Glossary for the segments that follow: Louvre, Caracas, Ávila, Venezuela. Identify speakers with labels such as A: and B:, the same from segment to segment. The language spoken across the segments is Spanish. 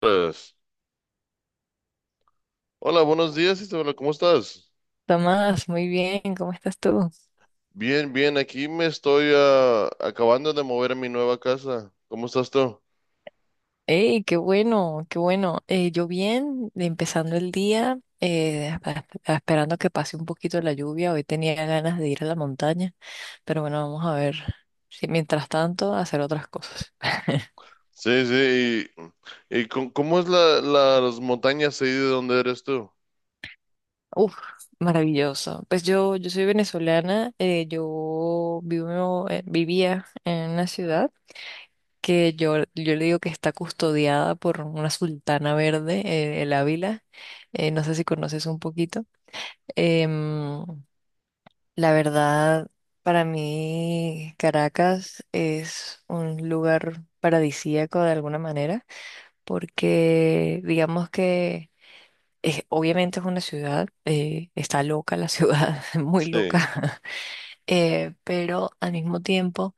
A: Pues, hola, buenos días, Isabela, ¿cómo estás?
B: Tomás, muy bien, ¿cómo estás tú?
A: Bien, bien, aquí me estoy acabando de mover a mi nueva casa. ¿Cómo estás tú?
B: ¡Ey, qué bueno, qué bueno! Yo bien, empezando el día, esperando que pase un poquito la lluvia. Hoy tenía ganas de ir a la montaña, pero bueno, vamos a ver si mientras tanto hacer otras cosas.
A: Sí. Y ¿cómo es las montañas ahí de donde eres tú?
B: Uf, maravilloso. Pues yo soy venezolana, yo vivía en una ciudad que yo le digo que está custodiada por una sultana verde, el Ávila. No sé si conoces un poquito. Em, la verdad, para mí Caracas es un lugar paradisíaco de alguna manera, porque digamos que obviamente es una ciudad, está loca la ciudad, muy loca,
A: Sí,
B: pero al mismo tiempo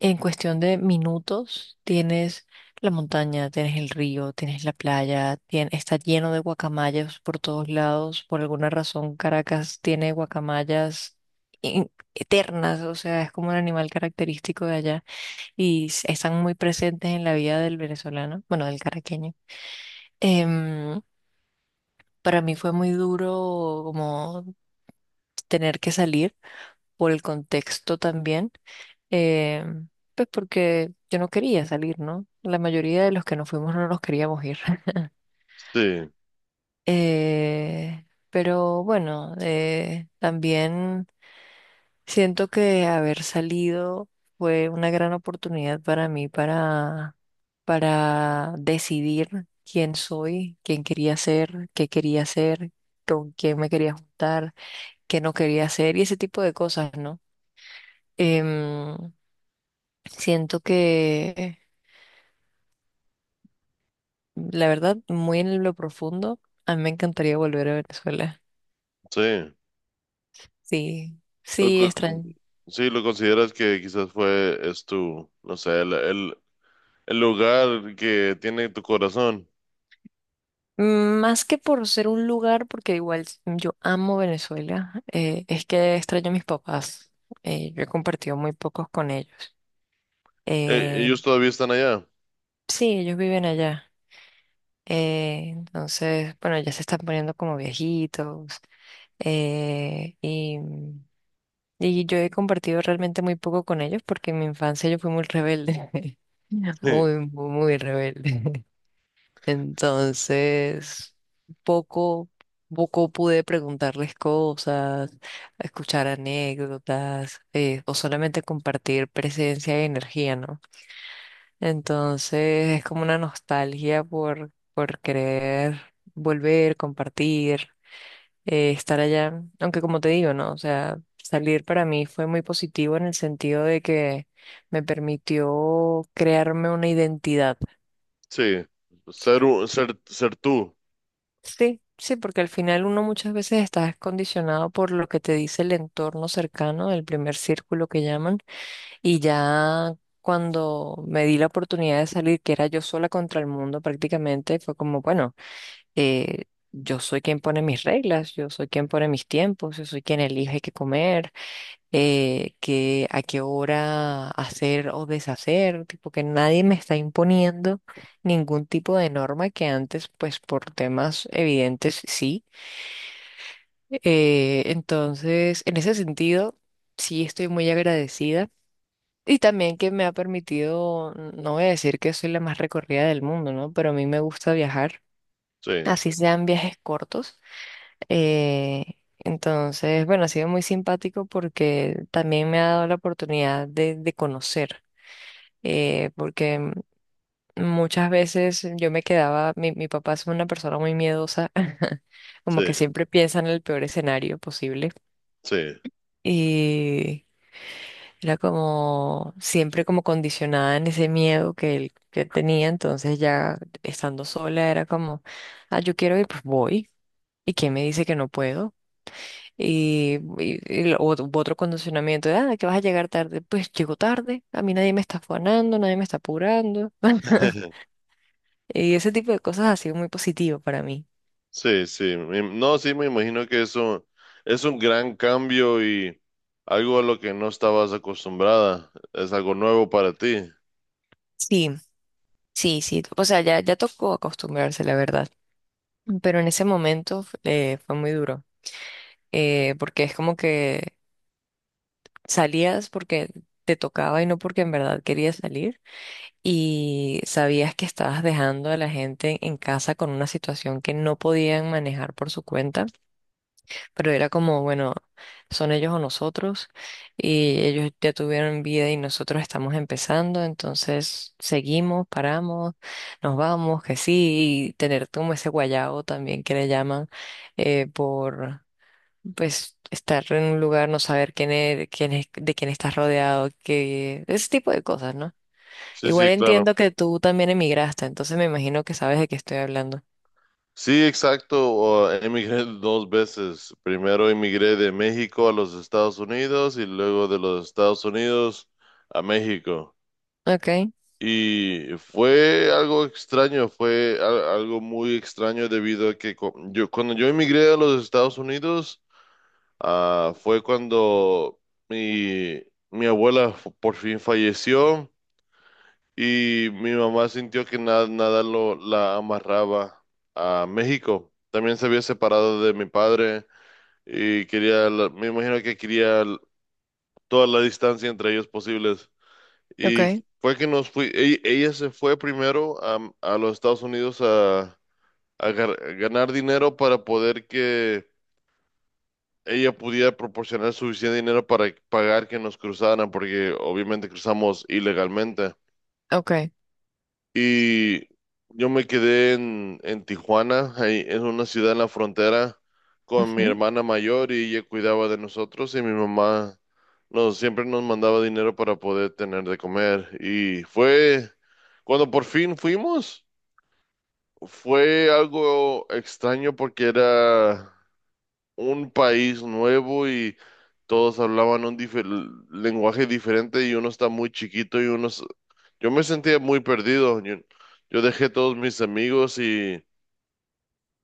B: en cuestión de minutos, tienes la montaña, tienes el río, tienes la playa, está lleno de guacamayas por todos lados. Por alguna razón, Caracas tiene guacamayas eternas, o sea, es como un animal característico de allá y están muy presentes en la vida del venezolano, bueno, del caraqueño. Em, para mí fue muy duro como tener que salir por el contexto también, eh, pues porque yo no quería salir, ¿no? La mayoría de los que nos fuimos no nos queríamos ir.
A: sí,
B: Pero bueno, también siento que haber salido fue una gran oportunidad para mí para decidir quién soy, quién quería ser, qué quería hacer con quién me quería juntar, qué no quería hacer y ese tipo de cosas, ¿no? Em, Siento que, la verdad, muy en lo profundo, a mí me encantaría volver a Venezuela.
A: sí.
B: Sí,
A: Lo
B: sí,
A: co-
B: extraño.
A: sí, lo consideras que quizás fue, es tu, no sé, el lugar que tiene tu corazón.
B: Más que por ser un lugar, porque igual yo amo Venezuela, es que extraño a mis papás. Yo he compartido muy pocos con ellos. Eh,
A: Ellos todavía están allá.
B: sí, ellos viven allá. Entonces, bueno, ya se están poniendo como viejitos, eh, y y yo he compartido realmente muy poco con ellos porque en mi infancia yo fui muy rebelde,
A: Sí,
B: muy, muy, muy rebelde. Entonces, poco, poco pude preguntarles cosas, escuchar anécdotas, o solamente compartir presencia y energía, ¿no? Entonces, es como una nostalgia por querer volver, compartir, estar allá, aunque como te digo, ¿no? O sea, salir para mí fue muy positivo en el sentido de que me permitió crearme una identidad.
A: sí. Ser tú.
B: Sí, sí, porque al final uno muchas veces está condicionado por lo que te dice el entorno cercano, el primer círculo que llaman, y ya cuando me di la oportunidad de salir, que era yo sola contra el mundo prácticamente, fue como, bueno, eh, yo soy quien pone mis reglas, yo soy quien pone mis tiempos, yo soy quien elige qué comer, que a qué hora hacer o deshacer, tipo que nadie me está imponiendo ningún tipo de norma que antes, pues por temas evidentes, sí. Entonces, en ese sentido, sí estoy muy agradecida. Y también que me ha permitido, no voy a decir que soy la más recorrida del mundo, ¿no? Pero a mí me gusta viajar,
A: Sí,
B: así sean viajes cortos. Eh, entonces, bueno, ha sido muy simpático porque también me ha dado la oportunidad de conocer, eh, porque mm, muchas veces yo me quedaba, mi papá es una persona muy miedosa,
A: sí,
B: como que siempre piensa en el peor escenario posible
A: sí.
B: y era como siempre como condicionada en ese miedo que él, que tenía, entonces ya estando sola era como, ah, yo quiero ir, pues voy. ¿Y quién me dice que no puedo? U otro condicionamiento de, ah, que vas a llegar tarde. Pues llego tarde, a mí nadie me está afanando, nadie me está apurando. Y ese tipo de cosas ha sido muy positivo para mí.
A: Sí, sí, no, sí, me imagino que eso es un gran cambio y algo a lo que no estabas acostumbrada, es algo nuevo para ti.
B: Sí, sí, sí. O sea, ya, ya tocó acostumbrarse, la verdad. Pero en ese momento, fue muy duro, porque es como que salías porque te tocaba y no porque en verdad querías salir. Y sabías que estabas dejando a la gente en casa con una situación que no podían manejar por su cuenta, pero era como, bueno, son ellos o nosotros, y ellos ya tuvieron vida y nosotros estamos empezando, entonces seguimos, paramos, nos vamos, que sí, y tener como ese guayao también que le llaman, por, pues, estar en un lugar, no saber quién es, de quién estás rodeado, que ese tipo de cosas, ¿no?
A: Sí,
B: Igual
A: sí, claro.
B: entiendo que tú también emigraste, entonces me imagino que sabes de qué estoy hablando.
A: Sí, exacto, emigré dos veces. Primero emigré de México a los Estados Unidos y luego de los Estados Unidos a México.
B: Okay,
A: Y fue algo extraño, fue algo muy extraño debido a que cuando yo emigré a los Estados Unidos. Ah, fue cuando mi, mi abuela por fin falleció y mi mamá sintió que nada la amarraba a México. También se había separado de mi padre y quería, me imagino que quería toda la distancia entre ellos posibles. Y
B: okay,
A: fue que ella se fue primero a los Estados Unidos a ganar dinero para poder que ella pudiera proporcionar suficiente dinero para pagar que nos cruzaran, porque obviamente cruzamos ilegalmente.
B: okay.
A: Y yo me quedé en Tijuana, ahí en una ciudad en la frontera, con mi
B: Ujú,
A: hermana mayor y ella cuidaba de nosotros y mi mamá nos, siempre nos mandaba dinero para poder tener de comer. Y fue cuando por fin fuimos, fue algo extraño porque era un país nuevo y todos hablaban un lenguaje diferente y uno está muy chiquito y yo me sentía muy perdido. Yo dejé todos mis amigos y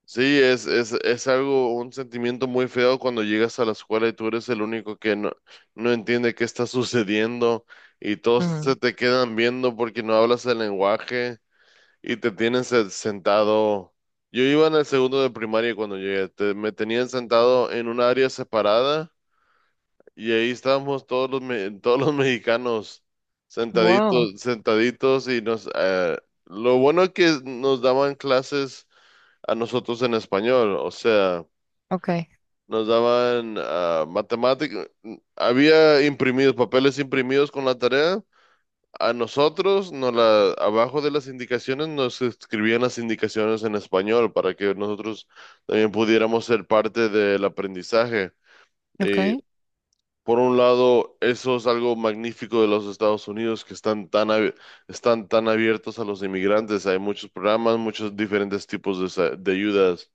A: sí, es algo, un sentimiento muy feo cuando llegas a la escuela y tú eres el único que no entiende qué está sucediendo y todos se
B: ujú.
A: te quedan viendo porque no hablas el lenguaje. Y te tienen sentado. Yo iba en el segundo de primaria cuando llegué. Me tenían sentado en un área separada y ahí estábamos todos los mexicanos
B: Wow,
A: sentaditos, sentaditos y lo bueno es que nos daban clases a nosotros en español, o sea,
B: ok.
A: nos daban matemáticas, había imprimidos, papeles imprimidos con la tarea. A nosotros, no la, abajo de las indicaciones nos escribían las indicaciones en español para que nosotros también pudiéramos ser parte del aprendizaje.
B: Ok,
A: Y por un lado, eso es algo magnífico de los Estados Unidos que están están tan abiertos a los inmigrantes. Hay muchos programas, muchos diferentes tipos de ayudas.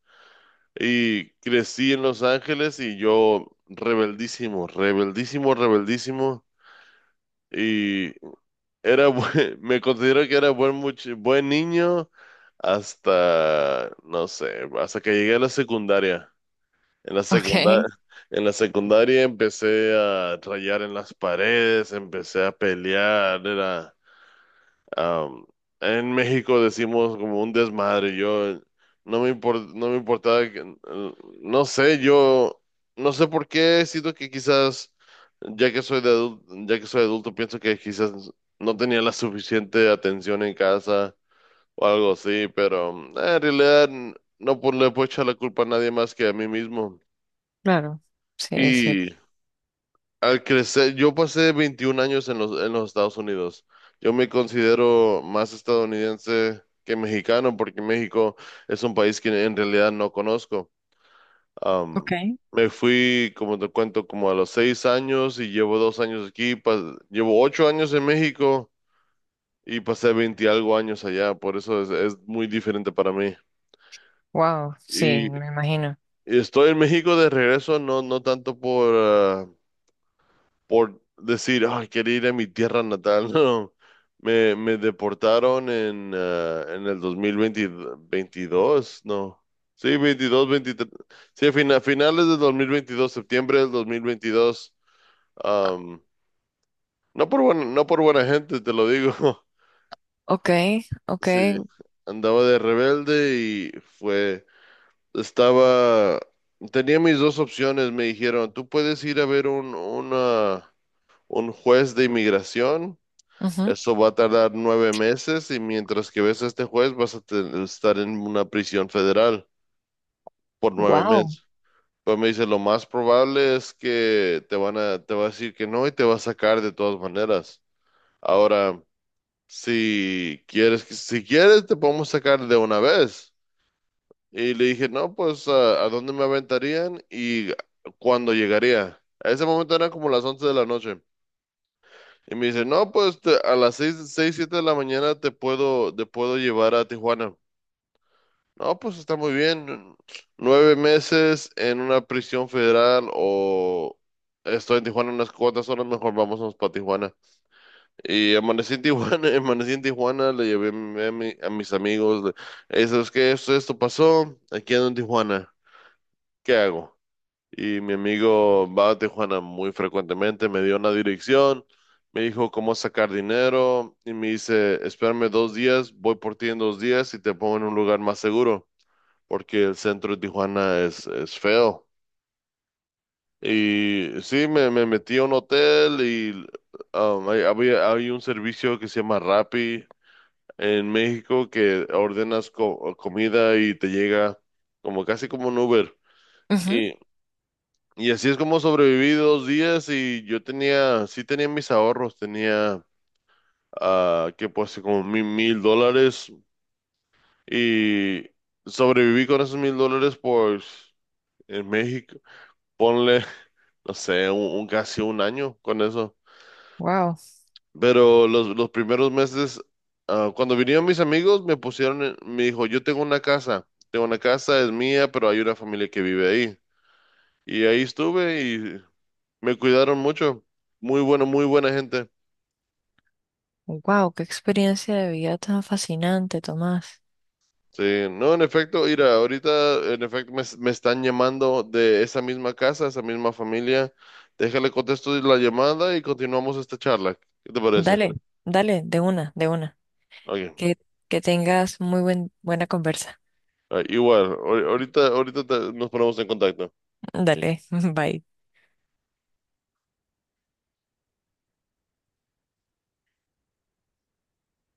A: Y crecí en Los Ángeles y yo rebeldísimo, rebeldísimo, rebeldísimo. Me considero que era buen niño hasta, no sé, hasta que llegué a la secundaria. En la secundaria,
B: ok,
A: en la secundaria empecé a rayar en las paredes, empecé a pelear, Am, en México decimos como un desmadre. Yo no me importaba no sé, yo no sé por qué siento que quizás ya que soy adulto pienso que quizás no tenía la suficiente atención en casa o algo así, pero en realidad no pu- le puedo echar la culpa a nadie más que a mí mismo.
B: claro, sí, es cierto.
A: Al crecer, yo pasé 21 años en en los Estados Unidos. Yo me considero más estadounidense que mexicano porque México es un país que en realidad no conozco.
B: Ok,
A: Am, Me fui, como te cuento, como a los seis años y llevo dos años aquí. Llevo ocho años en México y pasé 20 algo años allá. Por eso es muy diferente para mí.
B: wow, sí,
A: Y
B: me imagino.
A: estoy en México de regreso, no tanto por, por decir, ay, quería ir a mi tierra natal. No, me deportaron en el 2020, 22 no. Sí, 22, veintitrés. Sí, a finales del 2022, septiembre del 2022. am, no por buena, no por buena gente, te lo digo.
B: Ok, ok,
A: Sí, andaba de rebelde y estaba, tenía mis dos opciones, me dijeron, tú puedes ir a ver un juez de inmigración.
B: ujú,
A: Eso va a tardar nueve meses y mientras que ves a este juez vas a estar en una prisión federal por nueve
B: wow,
A: meses. Pues me dice, lo más probable es que te te va a decir que no y te va a sacar de todas maneras. Ahora, si quieres, si quieres, te podemos sacar de una vez. Y le dije, no, pues, a dónde me aventarían y cuándo llegaría? A ese momento eran como las once de la noche. Y me dice, no, pues a las siete de la mañana te puedo llevar a Tijuana. No, pues está muy bien. Nueve meses en una prisión federal o estoy en Tijuana unas cuantas horas, mejor vámonos para Tijuana. Y amanecí en Tijuana, amanecí en Tijuana, le llevé a, mi- a mi- a mis amigos. "Hey, ¿sabes qué? Esto pasó, aquí ando en Tijuana. ¿Qué hago?" Y mi amigo va a Tijuana muy frecuentemente, me dio una dirección, me dijo cómo sacar dinero y me dice, espérame dos días, voy por ti en dos días y te pongo en un lugar más seguro, porque el centro de Tijuana es feo. Y sí, me metí a un hotel y hay un servicio que se llama Rappi en México que ordenas comida y te llega como casi como un Uber.
B: ujú,
A: Y Y así es como sobreviví dos días y yo tenía mis ahorros, tenía, ah, que pues como mi- mil dólares y sobreviví con esos mil dólares por en México. Ponle, no sé, casi un año con eso.
B: wow,
A: Pero los primeros meses, cuando vinieron mis amigos, me dijo, yo tengo una casa, es mía, pero hay una familia que vive ahí. Y ahí estuve y me cuidaron mucho. Muy bueno, muy buena gente.
B: wow, qué experiencia de vida tan fascinante, Tomás.
A: Sí, no, en efecto, mira, ahorita en efecto me están llamando de esa misma casa, esa misma familia. Déjale contesto la llamada y continuamos esta charla. ¿Qué te parece?
B: Dale, dale, de una, de una.
A: Ok,
B: Que, que tengas muy buen, buena conversa.
A: ah, igual, ahorita nos ponemos en contacto.
B: Dale, bye.